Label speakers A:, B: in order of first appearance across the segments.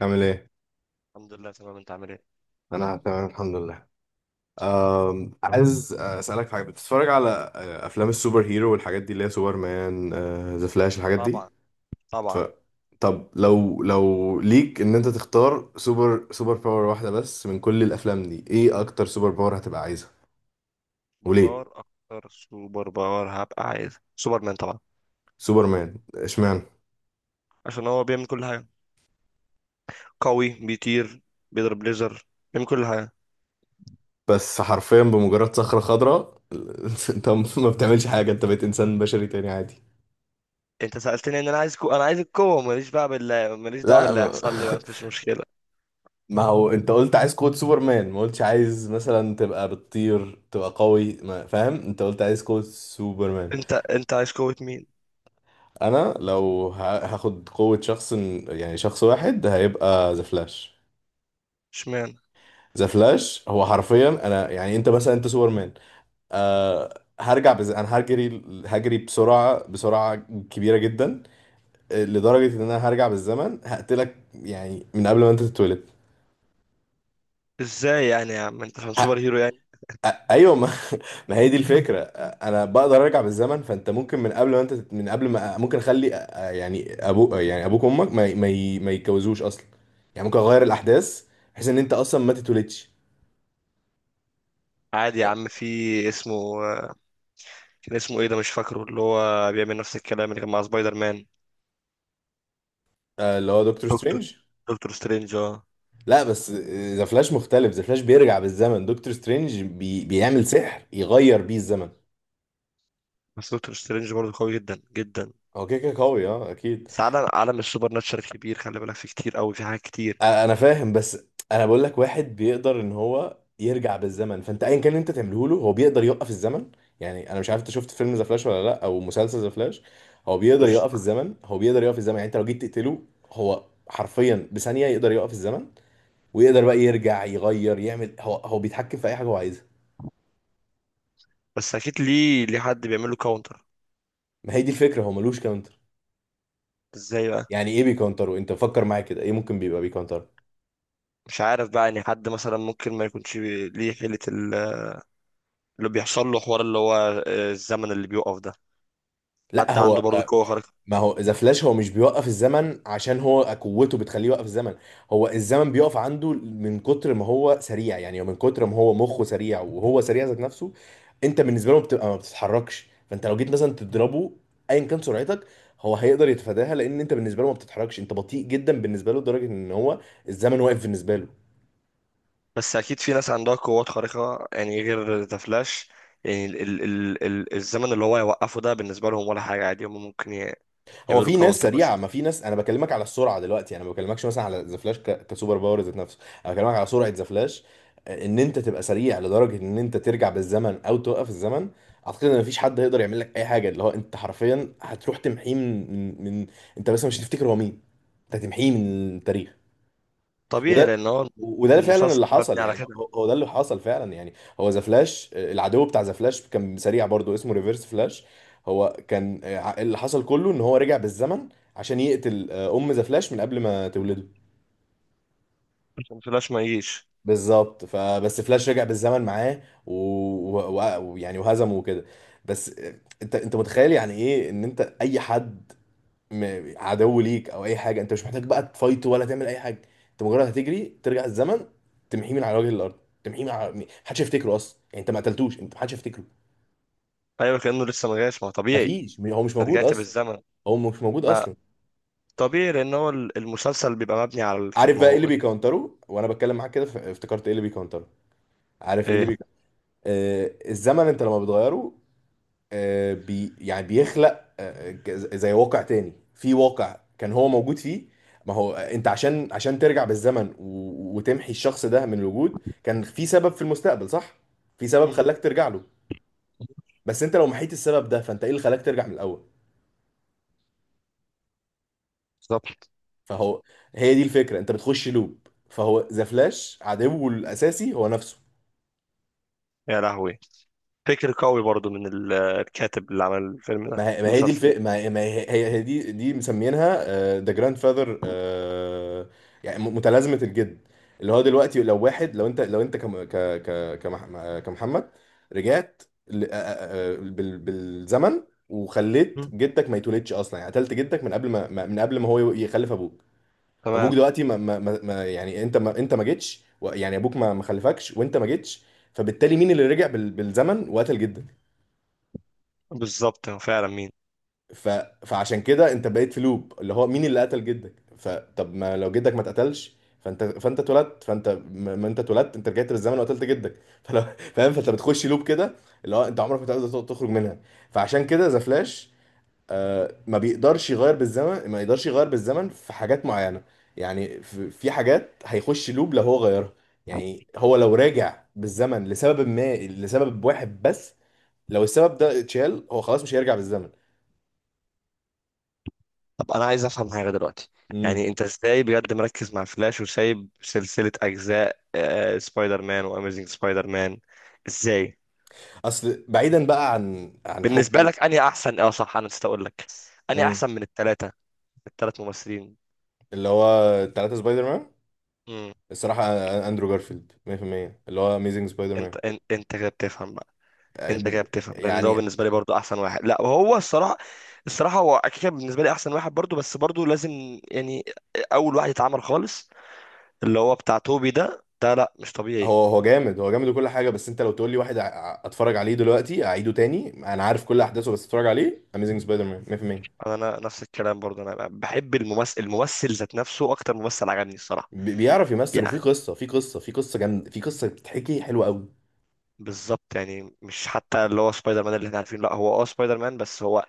A: عامل ايه؟
B: الحمد لله، تمام. انت عامل ايه؟
A: انا تمام الحمد لله. عايز اسالك في حاجه، بتتفرج على افلام السوبر هيرو والحاجات دي اللي هي سوبر مان، ذا فلاش، الحاجات دي؟
B: طبعا،
A: ف...
B: طبعا.
A: طب لو ليك ان انت تختار سوبر باور واحده بس من كل الافلام دي، ايه اكتر سوبر باور هتبقى عايزها؟
B: سوبر
A: وليه
B: باور اكتر سوبر باور هبقى عايز سوبرمان طبعا.
A: سوبر مان؟ اشمعنى؟
B: عشان هو بيعمل كل حاجه، قوي، بيطير، بيضرب ليزر، بيعمل كل حاجه.
A: بس حرفيا بمجرد صخره خضراء انت ما بتعملش حاجه، انت بقيت انسان بشري تاني عادي.
B: انت سالتني ان انا عايز القوه، ماليش بقى، بالله ماليش دعوه
A: لا
B: باللي
A: ما...
B: هيحصل لي بقى، مفيش مشكله.
A: ما هو انت قلت عايز قوة سوبرمان، ما قلتش عايز مثلا تبقى بتطير، تبقى قوي. ما فاهم، انت قلت عايز قوة سوبرمان.
B: انت عايز قوه مين؟
A: انا لو هاخد قوة شخص، يعني شخص واحد، هيبقى ذا فلاش.
B: اشمعنى؟
A: ذا فلاش هو حرفيا، انا يعني، انت مثلا انت سوبرمان. انا هجري هجري بسرعة بسرعة كبيرة جدا، لدرجة ان انا هرجع بالزمن هقتلك، يعني من قبل ما انت تتولد.
B: ازاي يعني يا عم، انت عشان سوبر هيرو يعني؟
A: ايوه ما, ما هي دي الفكره. انا بقدر ارجع بالزمن، فانت ممكن من قبل ما انت من قبل ما ممكن اخلي يعني يعني ابوك وامك ما يتجوزوش اصلا. يعني ممكن اغير الاحداث بحيث ان انت اصلا ما تتولدش.
B: عادي يا عم، في اسمه كان اسمه ايه ده مش فاكره، اللي هو بيعمل نفس الكلام اللي كان مع سبايدر مان.
A: اللي هو دكتور
B: دكتور
A: سترينج.
B: دكتور سترينج، اه.
A: لا بس، ذا فلاش مختلف. ذا فلاش بيرجع بالزمن، دكتور سترينج بيعمل سحر يغير بيه الزمن.
B: بس دكتور سترينج برضه قوي جدا جدا.
A: هو كده كده قوي، اه اكيد.
B: بس عالم السوبر ناتشرال كبير، خلي بالك فيه كتير قوي، في حاجات كتير.
A: انا فاهم، بس انا بقول لك واحد بيقدر ان هو يرجع بالزمن، فانت ايا كان اللي انت تعمله له، هو بيقدر يوقف الزمن. يعني انا مش عارف انت شفت فيلم ذا فلاش ولا لا، او مسلسل ذا فلاش. هو بيقدر
B: مش
A: يوقف الزمن، هو بيقدر يوقف الزمن، يعني انت لو جيت تقتله، هو حرفيا بثانية يقدر يوقف الزمن، ويقدر بقى يرجع يغير يعمل، هو بيتحكم في اي حاجة هو عايزها.
B: بس اكيد ليه حد بيعمل له كاونتر؟
A: ما هي دي الفكرة، هو ملوش كاونتر.
B: ازاي بقى؟
A: يعني ايه بيكونتره؟ انت فكر معايا كده، ايه ممكن بيبقى بيكونتره؟
B: مش عارف بقى، يعني حد مثلا ممكن ما يكونش ليه حيلة اللي بيحصل له حوار، اللي هو الزمن اللي بيوقف ده،
A: لا
B: حد عنده
A: هو،
B: برضه قوة خارقة.
A: ما هو ذا فلاش هو مش بيوقف الزمن عشان هو قوته بتخليه يوقف الزمن. هو الزمن بيقف عنده من كتر ما هو سريع، يعني من كتر ما هو مخه سريع وهو سريع ذات نفسه. انت بالنسبه له بتبقى ما بتتحركش، فانت لو جيت مثلا تضربه، ايا كان سرعتك، هو هيقدر يتفاداها، لان انت بالنسبه له ما بتتحركش، انت بطيء جدا بالنسبه له، لدرجه ان هو الزمن واقف بالنسبه له.
B: بس اكيد في ناس عندها قوات خارقة يعني غير ذا فلاش، يعني الزمن اللي هو يوقفه ده بالنسبة لهم ولا حاجة عادي، هم ممكن
A: هو
B: يعملوا
A: في ناس
B: كاونتر
A: سريعه،
B: بس.
A: ما في ناس، انا بكلمك على السرعه دلوقتي، انا ما بكلمكش مثلا على ذا فلاش كسوبر باور ذات نفسه، انا بكلمك على سرعه ذا فلاش، ان انت تبقى سريع لدرجه ان انت ترجع بالزمن او توقف الزمن. اعتقد ان مفيش حد هيقدر يعمل لك اي حاجه، اللي هو انت حرفيا هتروح تمحيه من انت بس مش هتفتكر هو مين، انت هتمحيه من التاريخ.
B: طبيعي
A: وده
B: لان هو
A: وده اللي فعلا
B: المسلسل
A: اللي حصل،
B: مبني على
A: يعني
B: كده،
A: هو ده اللي حصل فعلا يعني. هو ذا فلاش، العدو بتاع ذا فلاش كان سريع برضو، اسمه ريفرس فلاش. هو كان، اللي حصل كله ان هو رجع بالزمن عشان يقتل ام ذا فلاش من قبل ما تولده.
B: عشان فلاش ما يجيش.
A: بالظبط، فبس فلاش رجع بالزمن معاه ويعني و... و... و- ويعني وهزمه وكده. بس، انت متخيل يعني ايه ان انت اي حد، عدو ليك او اي حاجه، انت مش محتاج بقى تفايت ولا تعمل اي حاجه، انت مجرد هتجري ترجع الزمن، تمحيه من على وجه الارض، تمحيه محدش يفتكره اصلا، يعني انت ما قتلتوش، انت محدش يفتكره.
B: ايوه، كانه لسه ما جاش، ما هو طبيعي،
A: مفيش، هو مش
B: أنت
A: موجود
B: رجعت
A: اصلا،
B: بالزمن.
A: هو مش موجود
B: ما
A: اصلا.
B: طبيعي لان هو المسلسل بيبقى مبني على
A: عارف
B: ما
A: بقى ايه اللي
B: هو،
A: بيكونتره؟ وانا بتكلم معاك كده افتكرت ايه اللي بيكونتره. عارف ايه اللي
B: ايه،
A: بيكونتره؟ الزمن، انت لما بتغيره، آه، بي يعني بيخلق زي واقع تاني، في واقع كان هو موجود فيه. ما هو، انت عشان ترجع بالزمن وتمحي الشخص ده من الوجود، كان في سبب في المستقبل، صح؟ في سبب
B: مهم.
A: خلاك ترجع له. بس انت لو محيت السبب ده، فانت ايه اللي خلاك ترجع من الاول؟
B: بالظبط،
A: فهو هي دي الفكرة، انت بتخش لوب. فهو ذا فلاش عدوه الاساسي هو نفسه.
B: يا لهوي. فكر قوي برضو من الكاتب اللي عمل الفيلم ده المسلسل ده.
A: ما هي دي مسمينها ذا جراند فاذر، يعني متلازمة الجد. اللي هو دلوقتي، لو واحد، لو انت كم... ك... ك... كمح... كمحمد رجعت ل... آه، آه، آه، بال... بالزمن وخليت
B: مهم.
A: جدك ما يتولدش اصلا، يعني قتلت جدك من قبل ما هو يخلف ابوك. فابوك
B: تمام.
A: دلوقتي يعني انت ما جيتش، يعني ابوك ما خلفكش وانت ما جيتش. فبالتالي مين اللي رجع بالزمن وقتل جدك؟
B: بالظبط، هو فعلا مين؟
A: ف... فعشان كده انت بقيت في لوب، اللي هو مين اللي قتل جدك. فطب ما لو جدك ما اتقتلش فانت اتولدت فانت ما ما انت اتولدت، انت رجعت بالزمن وقتلت جدك فلو فاهم؟ فانت بتخش لوب كده اللي هو انت عمرك ما تقدر تخرج منها. فعشان كده ذا فلاش ما بيقدرش يغير بالزمن، ما يقدرش يغير بالزمن في حاجات معينة. يعني في حاجات هيخش لوب لو هو غيرها. يعني هو لو راجع بالزمن لسبب ما، لسبب واحد بس، لو السبب ده اتشال، هو خلاص مش هيرجع بالزمن.
B: طب انا عايز افهم حاجه دلوقتي، يعني انت ازاي بجد مركز مع فلاش وسايب سلسله اجزاء سبايدر مان واميزنج سبايدر مان؟ ازاي؟
A: اصل بعيدا بقى عن
B: بالنسبه
A: حبي.
B: لك انهي احسن؟ اه صح، انا نسيت اقول لك، انهي
A: مم.
B: احسن من الثلاث ممثلين؟
A: اللي هو التلاتة سبايدر مان،
B: امم.
A: الصراحة اندرو جارفيلد 100% اللي هو اميزنج سبايدر مان.
B: انت كده بتفهم بقى،
A: آه،
B: انت كده
A: ب-
B: بتفهم لان ده هو
A: يعني
B: بالنسبه لي برضو احسن واحد. لا هو الصراحه، الصراحه هو اكيد كان بالنسبه لي احسن واحد برضو، بس برضو لازم، يعني اول واحد اتعمل خالص اللي هو بتاع توبي ده، لا مش طبيعي.
A: هو هو جامد، هو جامد وكل حاجة، بس انت لو تقول لي واحد اتفرج عليه دلوقتي اعيده تاني، انا عارف كل احداثه، بس اتفرج عليه اميزنج سبايدر مان 100%.
B: أنا نفس الكلام برضو، انا بحب الممثل ذات نفسه، اكتر ممثل عجبني الصراحه،
A: بيعرف يمثل، وفي
B: يعني
A: قصة في قصة في قصة جامدة، في قصة بتتحكي حلوة قوي.
B: بالظبط، يعني مش حتى اللي هو سبايدر مان اللي احنا عارفينه، لا هو اه سبايدر مان، بس هو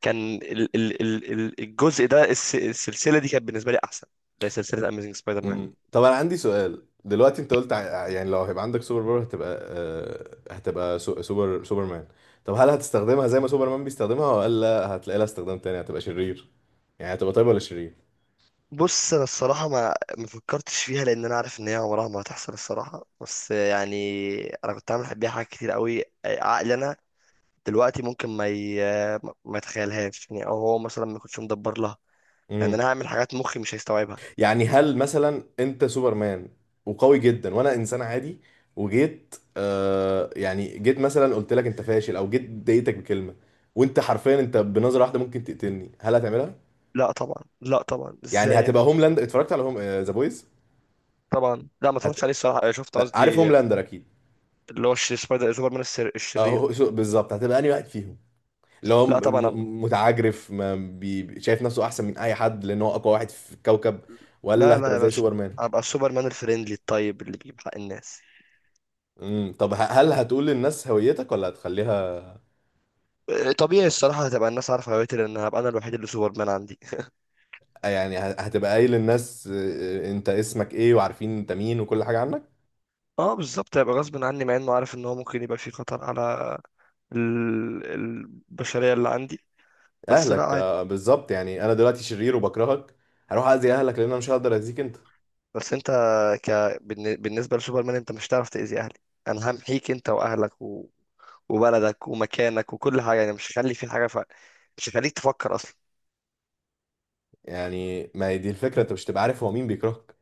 B: كان الجزء ده، السلسله دي كانت بالنسبه لي احسن، ده سلسله اميزنج سبايدر مان.
A: مم. طب انا عندي سؤال دلوقتي، انت قلت يعني لو هيبقى عندك سوبر باور هتبقى، سوبرمان. طب هل هتستخدمها زي ما سوبرمان بيستخدمها، ولا هتلاقي لها استخدام تاني، هتبقى شرير؟ يعني هتبقى طيب ولا شرير؟
B: بص، انا الصراحه ما فكرتش فيها لان انا عارف ان هي عمرها ما هتحصل الصراحه، بس يعني انا كنت عامل بيها حاجات كتير قوي عقلي انا، دلوقتي ممكن ما يتخيلهاش يعني، او هو مثلا ما يكونش مدبر لها، يعني
A: مم.
B: انا هعمل حاجات مخي مش هيستوعبها.
A: يعني هل مثلا انت سوبرمان وقوي جدا، وانا انسان عادي، وجيت يعني جيت مثلا قلت لك انت فاشل، او جيت ضايقتك بكلمة، وانت حرفيا انت بنظرة واحدة ممكن تقتلني، هل هتعملها؟
B: لا طبعا، لا طبعا،
A: يعني
B: ازاي
A: هتبقى
B: يعني؟
A: اتفرجت على ذا بويز؟
B: طبعا لا، ما
A: هت...
B: اتفرجتش عليه الصراحه، شفت
A: عارف
B: قصدي،
A: هوملاندر اكيد؟
B: اللي هو سبايدر سوبرمان، الشرير،
A: اهو، شو بالظبط هتبقى انهي واحد فيهم، اللي هو
B: لا طبعا.
A: متعجرف، ما بي... شايف نفسه احسن من اي حد لان هو اقوى واحد في الكوكب،
B: لا
A: ولا
B: لا
A: هتبقى
B: يا
A: زي
B: باشا،
A: سوبرمان؟
B: هبقى السوبرمان الفريندلي الطيب اللي بيجيب حق الناس.
A: طب هل هتقول للناس هويتك ولا هتخليها؟
B: طبيعي الصراحة، هتبقى الناس عارفة هويتي لأن هبقى أنا الوحيد اللي سوبرمان عندي.
A: يعني هتبقى قايل للناس انت اسمك ايه وعارفين انت مين وكل حاجه عنك.
B: اه بالظبط، هيبقى غصب عني، مع إنه عارف إن هو ممكن يبقى في خطر على البشرية اللي عندي، بس لا
A: اهلك،
B: عادي.
A: بالظبط. يعني انا دلوقتي شرير وبكرهك، هروح اذي اهلك لان انا مش هقدر اذيك انت.
B: بس أنت ك... بالنسبة لسوبرمان أنت مش هتعرف تأذي أهلي، أنا همحيك أنت وأهلك وبلدك ومكانك وكل حاجة، يعني مش هخلي في حاجة، مش هخليك تفكر أصلا.
A: يعني ما هي دي الفكره، انت مش تبقى عارف هو مين بيكرهك.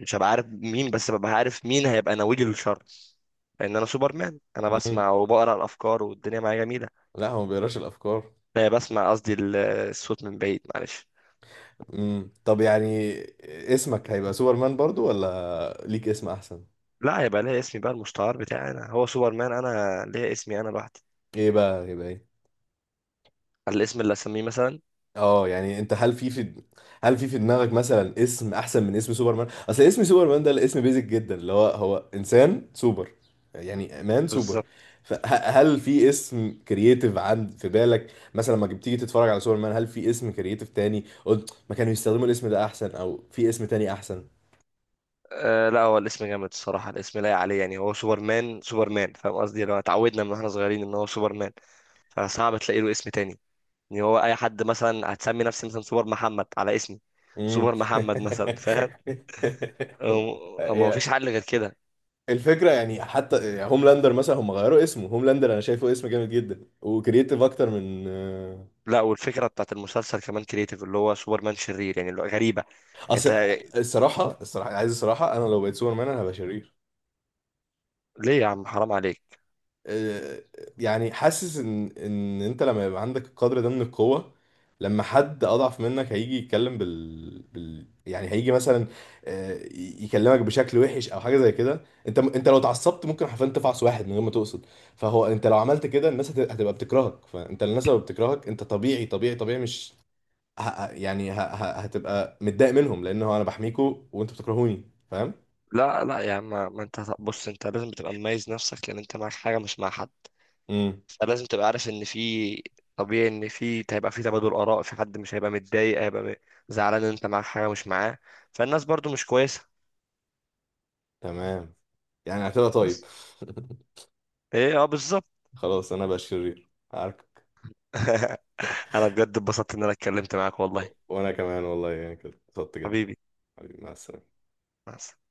B: مش هبقى عارف مين، بس ببقى عارف مين هيبقى ناوي لي الشر، لان انا سوبرمان، انا
A: امم
B: بسمع وبقرا الافكار والدنيا معايا جميله.
A: لا هو ما بيقراش الافكار.
B: لا بسمع قصدي الصوت من بعيد، معلش.
A: طب يعني اسمك هيبقى سوبرمان برضو ولا ليك اسم احسن؟
B: لا، هيبقى ليا اسمي بقى المستعار بتاعي، انا هو سوبرمان، انا ليا اسمي انا لوحدي،
A: ايه بقى هيبقى ايه؟
B: على الاسم اللي اسميه مثلا.
A: اه يعني انت هل في دماغك مثلا اسم احسن من اسم سوبرمان؟ اصل اسم سوبرمان ده الاسم بيزك جدا، اللي هو انسان سوبر، يعني مان سوبر.
B: بالظبط.
A: فهل في اسم كرييتيف عند، في بالك مثلا لما بتيجي تتفرج على سوبرمان، هل في اسم كرييتيف تاني قلت ما كانوا يستخدموا الاسم ده، احسن او في اسم تاني احسن؟
B: لا هو الاسم جامد الصراحه، الاسم لايق عليه، يعني هو سوبرمان، سوبرمان فاهم قصدي، لو اتعودنا من واحنا صغيرين ان هو سوبرمان، فصعب تلاقي له اسم تاني، يعني هو اي حد مثلا، هتسمي نفسي مثلا سوبر محمد على اسمي،
A: امم.
B: سوبر محمد مثلا فاهم. ما فيش حل غير كده.
A: الفكره يعني حتى، يعني هوملاندر مثلا، هم غيروا اسمه هوملاندر، انا شايفه اسم جامد جدا وكرييتيف اكتر من
B: لا، والفكره بتاعت المسلسل كمان كريتيف، اللي هو سوبرمان شرير يعني، اللي هو غريبه. انت
A: اصل الصراحه الصراحه عايز الصراحه، انا لو بقيت سوبر مان انا هبقى شرير.
B: ليه يا عم، حرام عليك.
A: آه، يعني حاسس ان انت لما يبقى عندك القدر ده من القوة، لما حد اضعف منك هيجي يتكلم يعني هيجي مثلا يكلمك بشكل وحش او حاجة زي كده، انت لو اتعصبت ممكن حرفيا تفعص واحد من غير ما تقصد. فهو انت لو عملت كده، الناس هتبقى بتكرهك، فانت الناس لو بتكرهك انت طبيعي طبيعي طبيعي، مش هتبقى متضايق منهم، لان هو انا بحميكوا وانتوا بتكرهوني، فاهم؟
B: لا لا يا عم، ما انت بص، انت لازم تبقى مميز نفسك لان انت معاك حاجه مش مع حد،
A: امم.
B: فلازم تبقى عارف ان في، طبيعي ان في، هيبقى في تبادل اراء، في حد مش هيبقى متضايق، هيبقى زعلان ان انت معاك حاجه مش معاه، فالناس برضو مش كويسه.
A: تمام. يعني هتبقى طيب.
B: بس ايه، اه بالظبط.
A: خلاص انا بقى شرير، عارف.
B: انا بجد اتبسطت ان انا اتكلمت معاك والله.
A: وانا كمان والله، يعني كده اتبسطت جدا.
B: حبيبي،
A: حبيبي، مع السلامة.
B: مع السلامة.